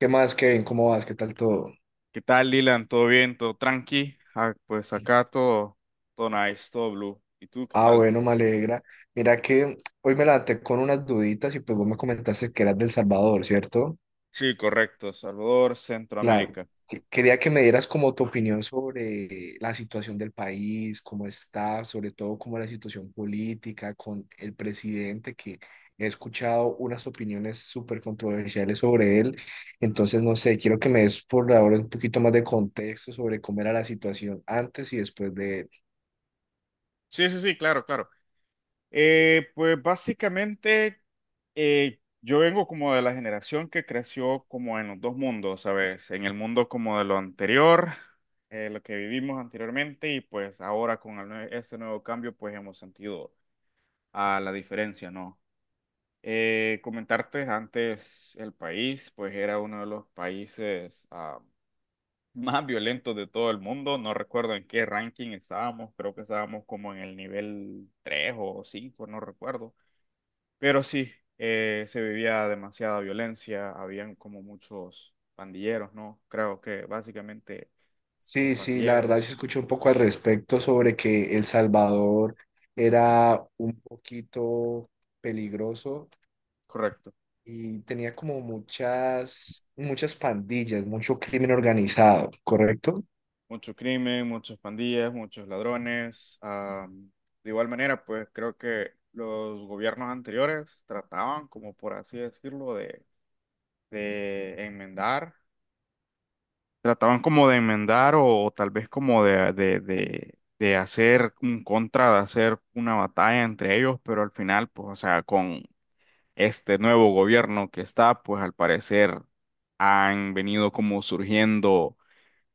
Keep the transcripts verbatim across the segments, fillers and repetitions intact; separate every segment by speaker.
Speaker 1: ¿Qué más, Kevin? ¿Cómo vas? ¿Qué tal todo?
Speaker 2: ¿Qué tal, Dylan? ¿Todo bien? ¿Todo tranqui? Ah, pues acá todo, todo nice, todo blue. ¿Y tú qué
Speaker 1: Ah,
Speaker 2: tal?
Speaker 1: bueno, me alegra. Mira que hoy me levanté con unas duditas y pues vos me comentaste que eras del Salvador, ¿cierto?
Speaker 2: Sí, correcto. Salvador,
Speaker 1: Claro.
Speaker 2: Centroamérica.
Speaker 1: Que- quería que me dieras como tu opinión sobre la situación del país, cómo está, sobre todo como la situación política con el presidente, que he escuchado unas opiniones súper controversiales sobre él.
Speaker 2: Ajá.
Speaker 1: Entonces, no sé, quiero que me des por ahora un poquito más de contexto sobre cómo era la situación antes y después de él.
Speaker 2: Sí, sí, sí, claro, claro. Eh, pues básicamente eh, yo vengo como de la generación que creció como en los dos mundos, ¿sabes? En el mundo como de lo anterior, eh, lo que vivimos anteriormente y pues ahora con el nue- ese nuevo cambio pues hemos sentido a la diferencia, ¿no? Eh, comentarte antes, el país, pues era uno de los países ah, más violentos de todo el mundo. No recuerdo en qué ranking estábamos, creo que estábamos como en el nivel tres o cinco, no recuerdo. Pero sí, eh, se vivía demasiada violencia, habían como muchos pandilleros, ¿no? Creo que básicamente los
Speaker 1: Sí, sí, la verdad se
Speaker 2: pandilleros,
Speaker 1: escuchó un poco al respecto sobre que El Salvador era un poquito peligroso
Speaker 2: correcto.
Speaker 1: y tenía como muchas, muchas pandillas, mucho crimen organizado, ¿correcto?
Speaker 2: Mucho crimen, muchas pandillas, muchos ladrones. Ah, de igual manera, pues creo que los gobiernos anteriores trataban, como por así decirlo, de, de enmendar, trataban como de enmendar o, o tal vez como de, de, de, de hacer un contra, de hacer una batalla entre ellos, pero al final, pues, o sea, con este nuevo gobierno que está, pues al parecer han venido como surgiendo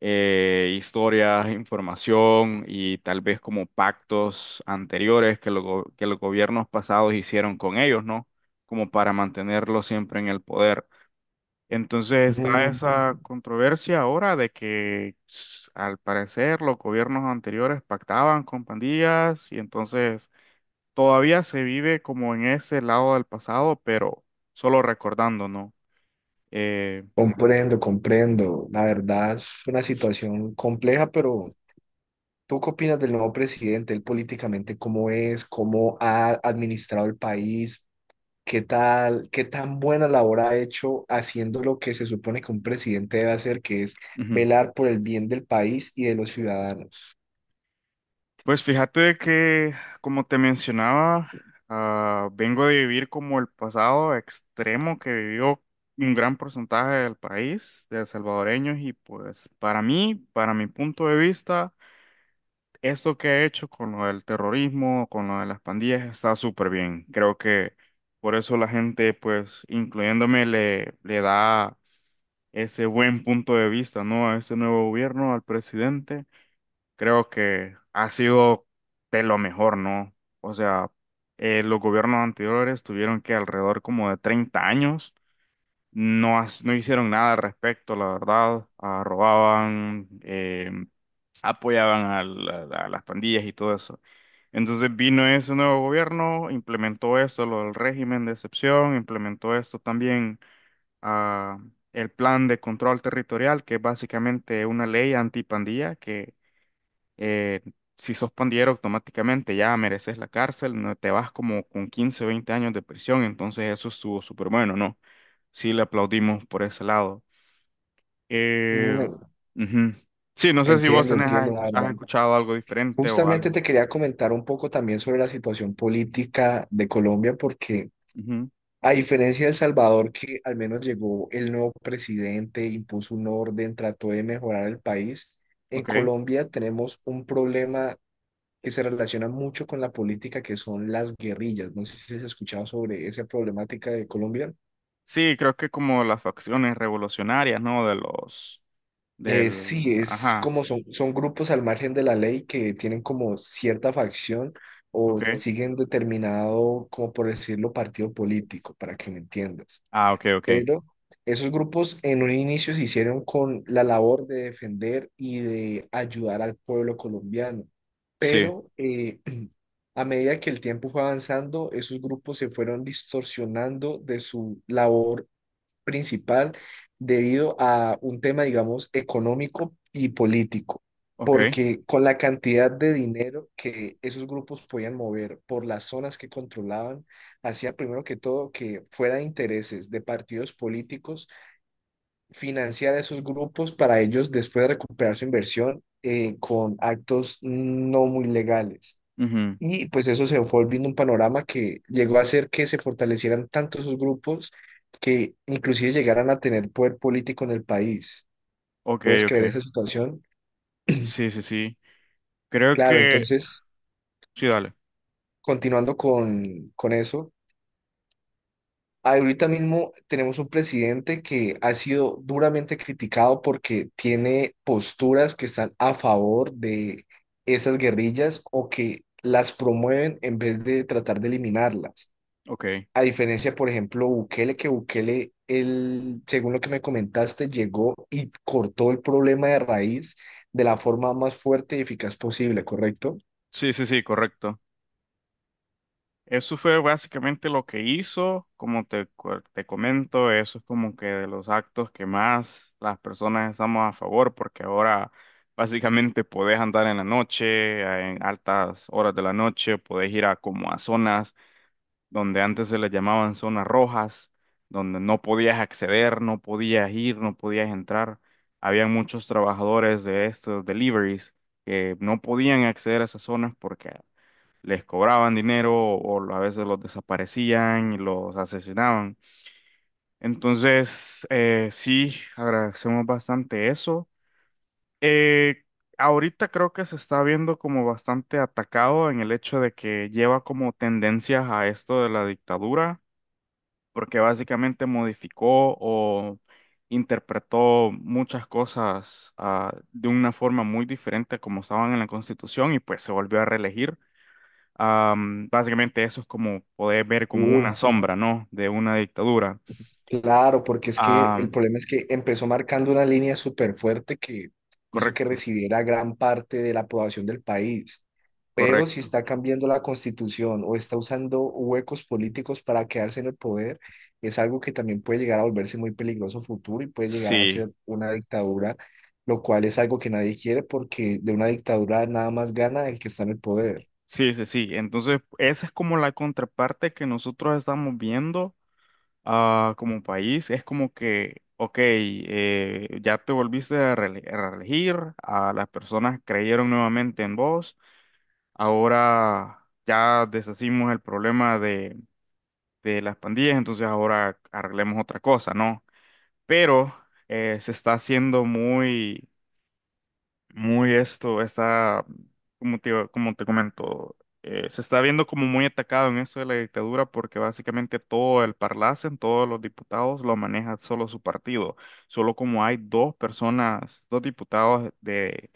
Speaker 2: eh, historias, información y tal vez como pactos anteriores que, los go- que los gobiernos pasados hicieron con ellos, ¿no? Como para mantenerlos siempre en el poder. Entonces está
Speaker 1: Mm,
Speaker 2: esa controversia ahora de que s- al parecer los gobiernos anteriores pactaban con pandillas y entonces todavía se vive como en ese lado del pasado, pero solo recordando, ¿no? Eh,
Speaker 1: comprendo, comprendo. La verdad es una situación compleja, pero ¿tú qué opinas del nuevo presidente? Él políticamente, ¿cómo es? ¿Cómo ha administrado el país? ¿Qué tal, qué tan buena labor ha hecho haciendo lo que se supone que un presidente debe hacer, que es
Speaker 2: ujú.
Speaker 1: velar por el bien del país y de los ciudadanos?
Speaker 2: Pues fíjate de que, como te mencionaba, ah, vengo de vivir como el pasado extremo que vivió un gran porcentaje del país, de salvadoreños, y pues para mí, para mi punto de vista, esto que he hecho con lo del terrorismo, con lo de las pandillas, está súper bien. Creo que por eso la gente, pues, incluyéndome, le, le da ese buen punto de vista, ¿no? A este nuevo gobierno, al presidente creo que ha sido de lo mejor, ¿no? O sea, eh, los gobiernos anteriores tuvieron que alrededor como de treinta años, no, has- no hicieron nada al respecto, la verdad. Ah, robaban, eh, apoyaban a, la- a las pandillas y todo eso. Entonces vino ese nuevo gobierno, implementó esto, lo del régimen de excepción, implementó esto también, ah, el plan de control territorial, que es básicamente una ley antipandilla. eh, si sos pandillero automáticamente ya mereces la cárcel, no te vas como con quince o veinte años de prisión, entonces eso estuvo súper bueno, ¿no? Sí, le aplaudimos por ese lado. Eh,
Speaker 1: Mm.
Speaker 2: ujú. Sí, no sé si vos
Speaker 1: Entiendo,
Speaker 2: tenés, has,
Speaker 1: entiendo, la
Speaker 2: escuch- has
Speaker 1: verdad.
Speaker 2: escuchado algo diferente o
Speaker 1: Justamente
Speaker 2: algo.
Speaker 1: te quería comentar un poco también sobre la situación política de Colombia, porque
Speaker 2: Ujú,
Speaker 1: a diferencia de El Salvador, que al menos llegó el nuevo presidente, impuso un orden, trató de mejorar el país, en
Speaker 2: ok.
Speaker 1: Colombia tenemos un problema que se relaciona mucho con la política, que son las guerrillas. No sé si has escuchado sobre esa problemática de Colombia.
Speaker 2: Sí, creo que como las facciones revolucionarias, ¿no? De los,
Speaker 1: Eh,
Speaker 2: del,
Speaker 1: sí, es
Speaker 2: ajá,
Speaker 1: como son, son grupos al margen de la ley que tienen como cierta facción o
Speaker 2: ok.
Speaker 1: siguen determinado, como por decirlo, partido político, para que me entiendas.
Speaker 2: Ah, ok, ok.
Speaker 1: Pero esos grupos en un inicio se hicieron con la labor de defender y de ayudar al pueblo colombiano.
Speaker 2: Sí,
Speaker 1: Pero eh, a medida que el tiempo fue avanzando, esos grupos se fueron distorsionando de su labor principal debido a un tema, digamos, económico y político,
Speaker 2: ok.
Speaker 1: porque con la cantidad de dinero que esos grupos podían mover por las zonas que controlaban, hacía primero que todo que fuera de intereses de partidos políticos financiar a esos grupos para ellos después recuperar su inversión eh, con actos no muy legales.
Speaker 2: Ujú,
Speaker 1: Y pues eso se fue volviendo un panorama que llegó a hacer que se fortalecieran tanto esos grupos que inclusive llegaran a tener poder político en el país.
Speaker 2: ok,
Speaker 1: ¿Puedes creer
Speaker 2: ok.
Speaker 1: esa situación?
Speaker 2: Sí, sí, sí. Creo
Speaker 1: Claro,
Speaker 2: que,
Speaker 1: entonces,
Speaker 2: sí, dale.
Speaker 1: continuando con, con eso, ahorita mismo tenemos un presidente que ha sido duramente criticado porque tiene posturas que están a favor de esas guerrillas o que las promueven en vez de tratar de eliminarlas.
Speaker 2: Ok,
Speaker 1: A diferencia, por ejemplo, Bukele, que Bukele, él, según lo que me comentaste, llegó y cortó el problema de raíz de la forma más fuerte y eficaz posible, ¿correcto?
Speaker 2: sí, sí, sí, correcto. Eso fue básicamente lo que hizo, como te, cu- te comento, eso es como que de los actos que más las personas estamos a favor, porque ahora básicamente podés andar en la noche, en altas horas de la noche, podés ir a como a zonas donde antes se les llamaban zonas rojas, donde no podías acceder, no podías ir, no podías entrar. Habían muchos trabajadores de estos deliveries que no podían acceder a esas zonas porque les cobraban dinero o a veces los desaparecían y los asesinaban. Entonces, eh, sí, agradecemos bastante eso. Eh, ahorita creo que se está viendo como bastante atacado en el hecho de que lleva como tendencias a esto de la dictadura, porque básicamente modificó o interpretó muchas cosas ah, de una forma muy diferente a como estaban en la Constitución y pues se volvió a reelegir. Am, básicamente eso es como poder ver como una
Speaker 1: Uf,
Speaker 2: sombra, ¿no? De una dictadura.
Speaker 1: claro, porque es que el
Speaker 2: Am,
Speaker 1: problema es que empezó marcando una línea súper fuerte que hizo que
Speaker 2: correcto,
Speaker 1: recibiera gran parte de la aprobación del país. Pero si
Speaker 2: correcto.
Speaker 1: está cambiando la constitución o está usando huecos políticos para quedarse en el poder, es algo que también puede llegar a volverse muy peligroso futuro y puede llegar a
Speaker 2: Sí,
Speaker 1: ser una dictadura, lo cual es algo que nadie quiere porque de una dictadura nada más gana el que está en el poder.
Speaker 2: sí, sí, sí. Entonces, esa es como la contraparte que nosotros estamos viendo ah, como país. Es como que, ok, eh, ya te volviste a reele- a reelegir, a las personas creyeron nuevamente en vos, ahora ya deshacimos el problema de, de las pandillas, entonces ahora arreglemos otra cosa, ¿no? Pero eh, se está haciendo muy, muy esto, está, como te, como te comento, eh, se está viendo como muy atacado en eso de la dictadura porque básicamente todo el parlacen, todos los diputados lo maneja solo su partido, solo como hay dos personas, dos diputados de,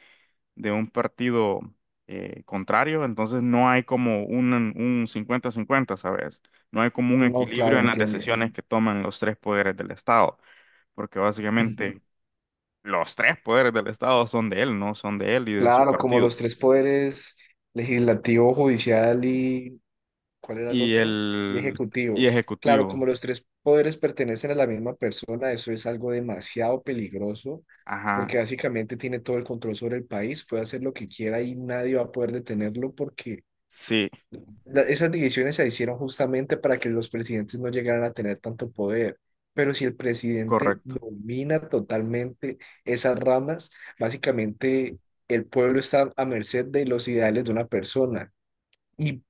Speaker 2: de un partido eh, contrario, entonces no hay como un, un cincuenta-cincuenta, ¿sabes? No hay como un
Speaker 1: No, claro,
Speaker 2: equilibrio en las
Speaker 1: entiendo.
Speaker 2: decisiones que toman los tres poderes del Estado porque básicamente los tres poderes del Estado son de él, ¿no? Son de él y de su
Speaker 1: Claro, como
Speaker 2: partido.
Speaker 1: los tres poderes, legislativo, judicial y ¿cuál era el
Speaker 2: Y
Speaker 1: otro? Y
Speaker 2: el, y
Speaker 1: ejecutivo. Claro,
Speaker 2: ejecutivo.
Speaker 1: como los tres poderes pertenecen a la misma persona, eso es algo demasiado peligroso
Speaker 2: Ajá.
Speaker 1: porque básicamente tiene todo el control sobre el país, puede hacer lo que quiera y nadie va a poder detenerlo porque
Speaker 2: Sí,
Speaker 1: la- esas divisiones se hicieron justamente para que los presidentes no llegaran a tener tanto poder. Pero si el presidente
Speaker 2: correcto.
Speaker 1: domina totalmente esas ramas, básicamente el pueblo está a merced de los ideales de una persona. Y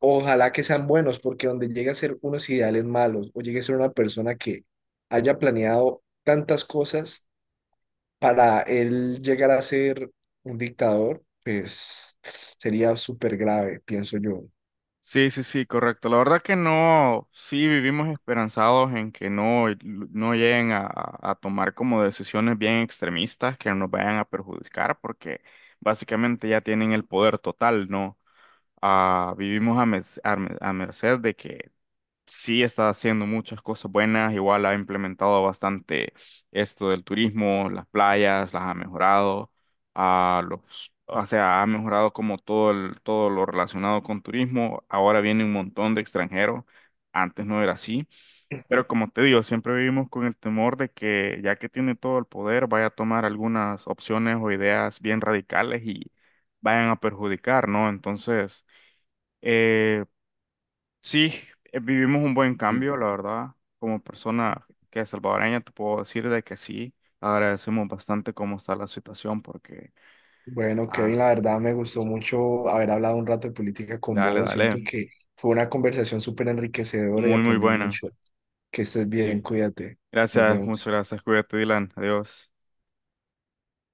Speaker 1: ojalá que sean buenos, porque donde llegue a ser unos ideales malos o llegue a ser una persona que haya planeado tantas cosas para él llegar a ser un dictador, pues sería súper grave, pienso yo.
Speaker 2: Sí, sí, sí, correcto. La verdad que no, sí vivimos esperanzados en que no, no lleguen a, a tomar como decisiones bien extremistas que nos vayan a perjudicar, porque básicamente ya tienen el poder total, ¿no? Ah, vivimos a, mes- a, me- a merced de que sí está haciendo muchas cosas buenas, igual ha implementado bastante esto del turismo, las playas, las ha mejorado, a los, o sea, ha mejorado como todo el- todo lo relacionado con turismo. Ahora viene un montón de extranjeros, antes no era así, pero como te digo, siempre vivimos con el temor de que ya que tiene todo el poder, vaya a tomar algunas opciones o ideas bien radicales y vayan a perjudicar, ¿no? Entonces, eh, sí, eh, vivimos un buen cambio, la verdad. Como persona que es salvadoreña, te puedo decir de que sí, agradecemos bastante cómo está la situación porque,
Speaker 1: Bueno, Kevin,
Speaker 2: ah,
Speaker 1: la verdad me gustó mucho haber hablado un rato de política con
Speaker 2: dale,
Speaker 1: vos.
Speaker 2: dale,
Speaker 1: Siento que fue una conversación súper enriquecedora y
Speaker 2: muy, muy
Speaker 1: aprendí
Speaker 2: buena.
Speaker 1: mucho. Que estés bien,
Speaker 2: Sí,
Speaker 1: cuídate. Nos
Speaker 2: gracias, muchas
Speaker 1: vemos.
Speaker 2: gracias, cuídate, Dylan, adiós.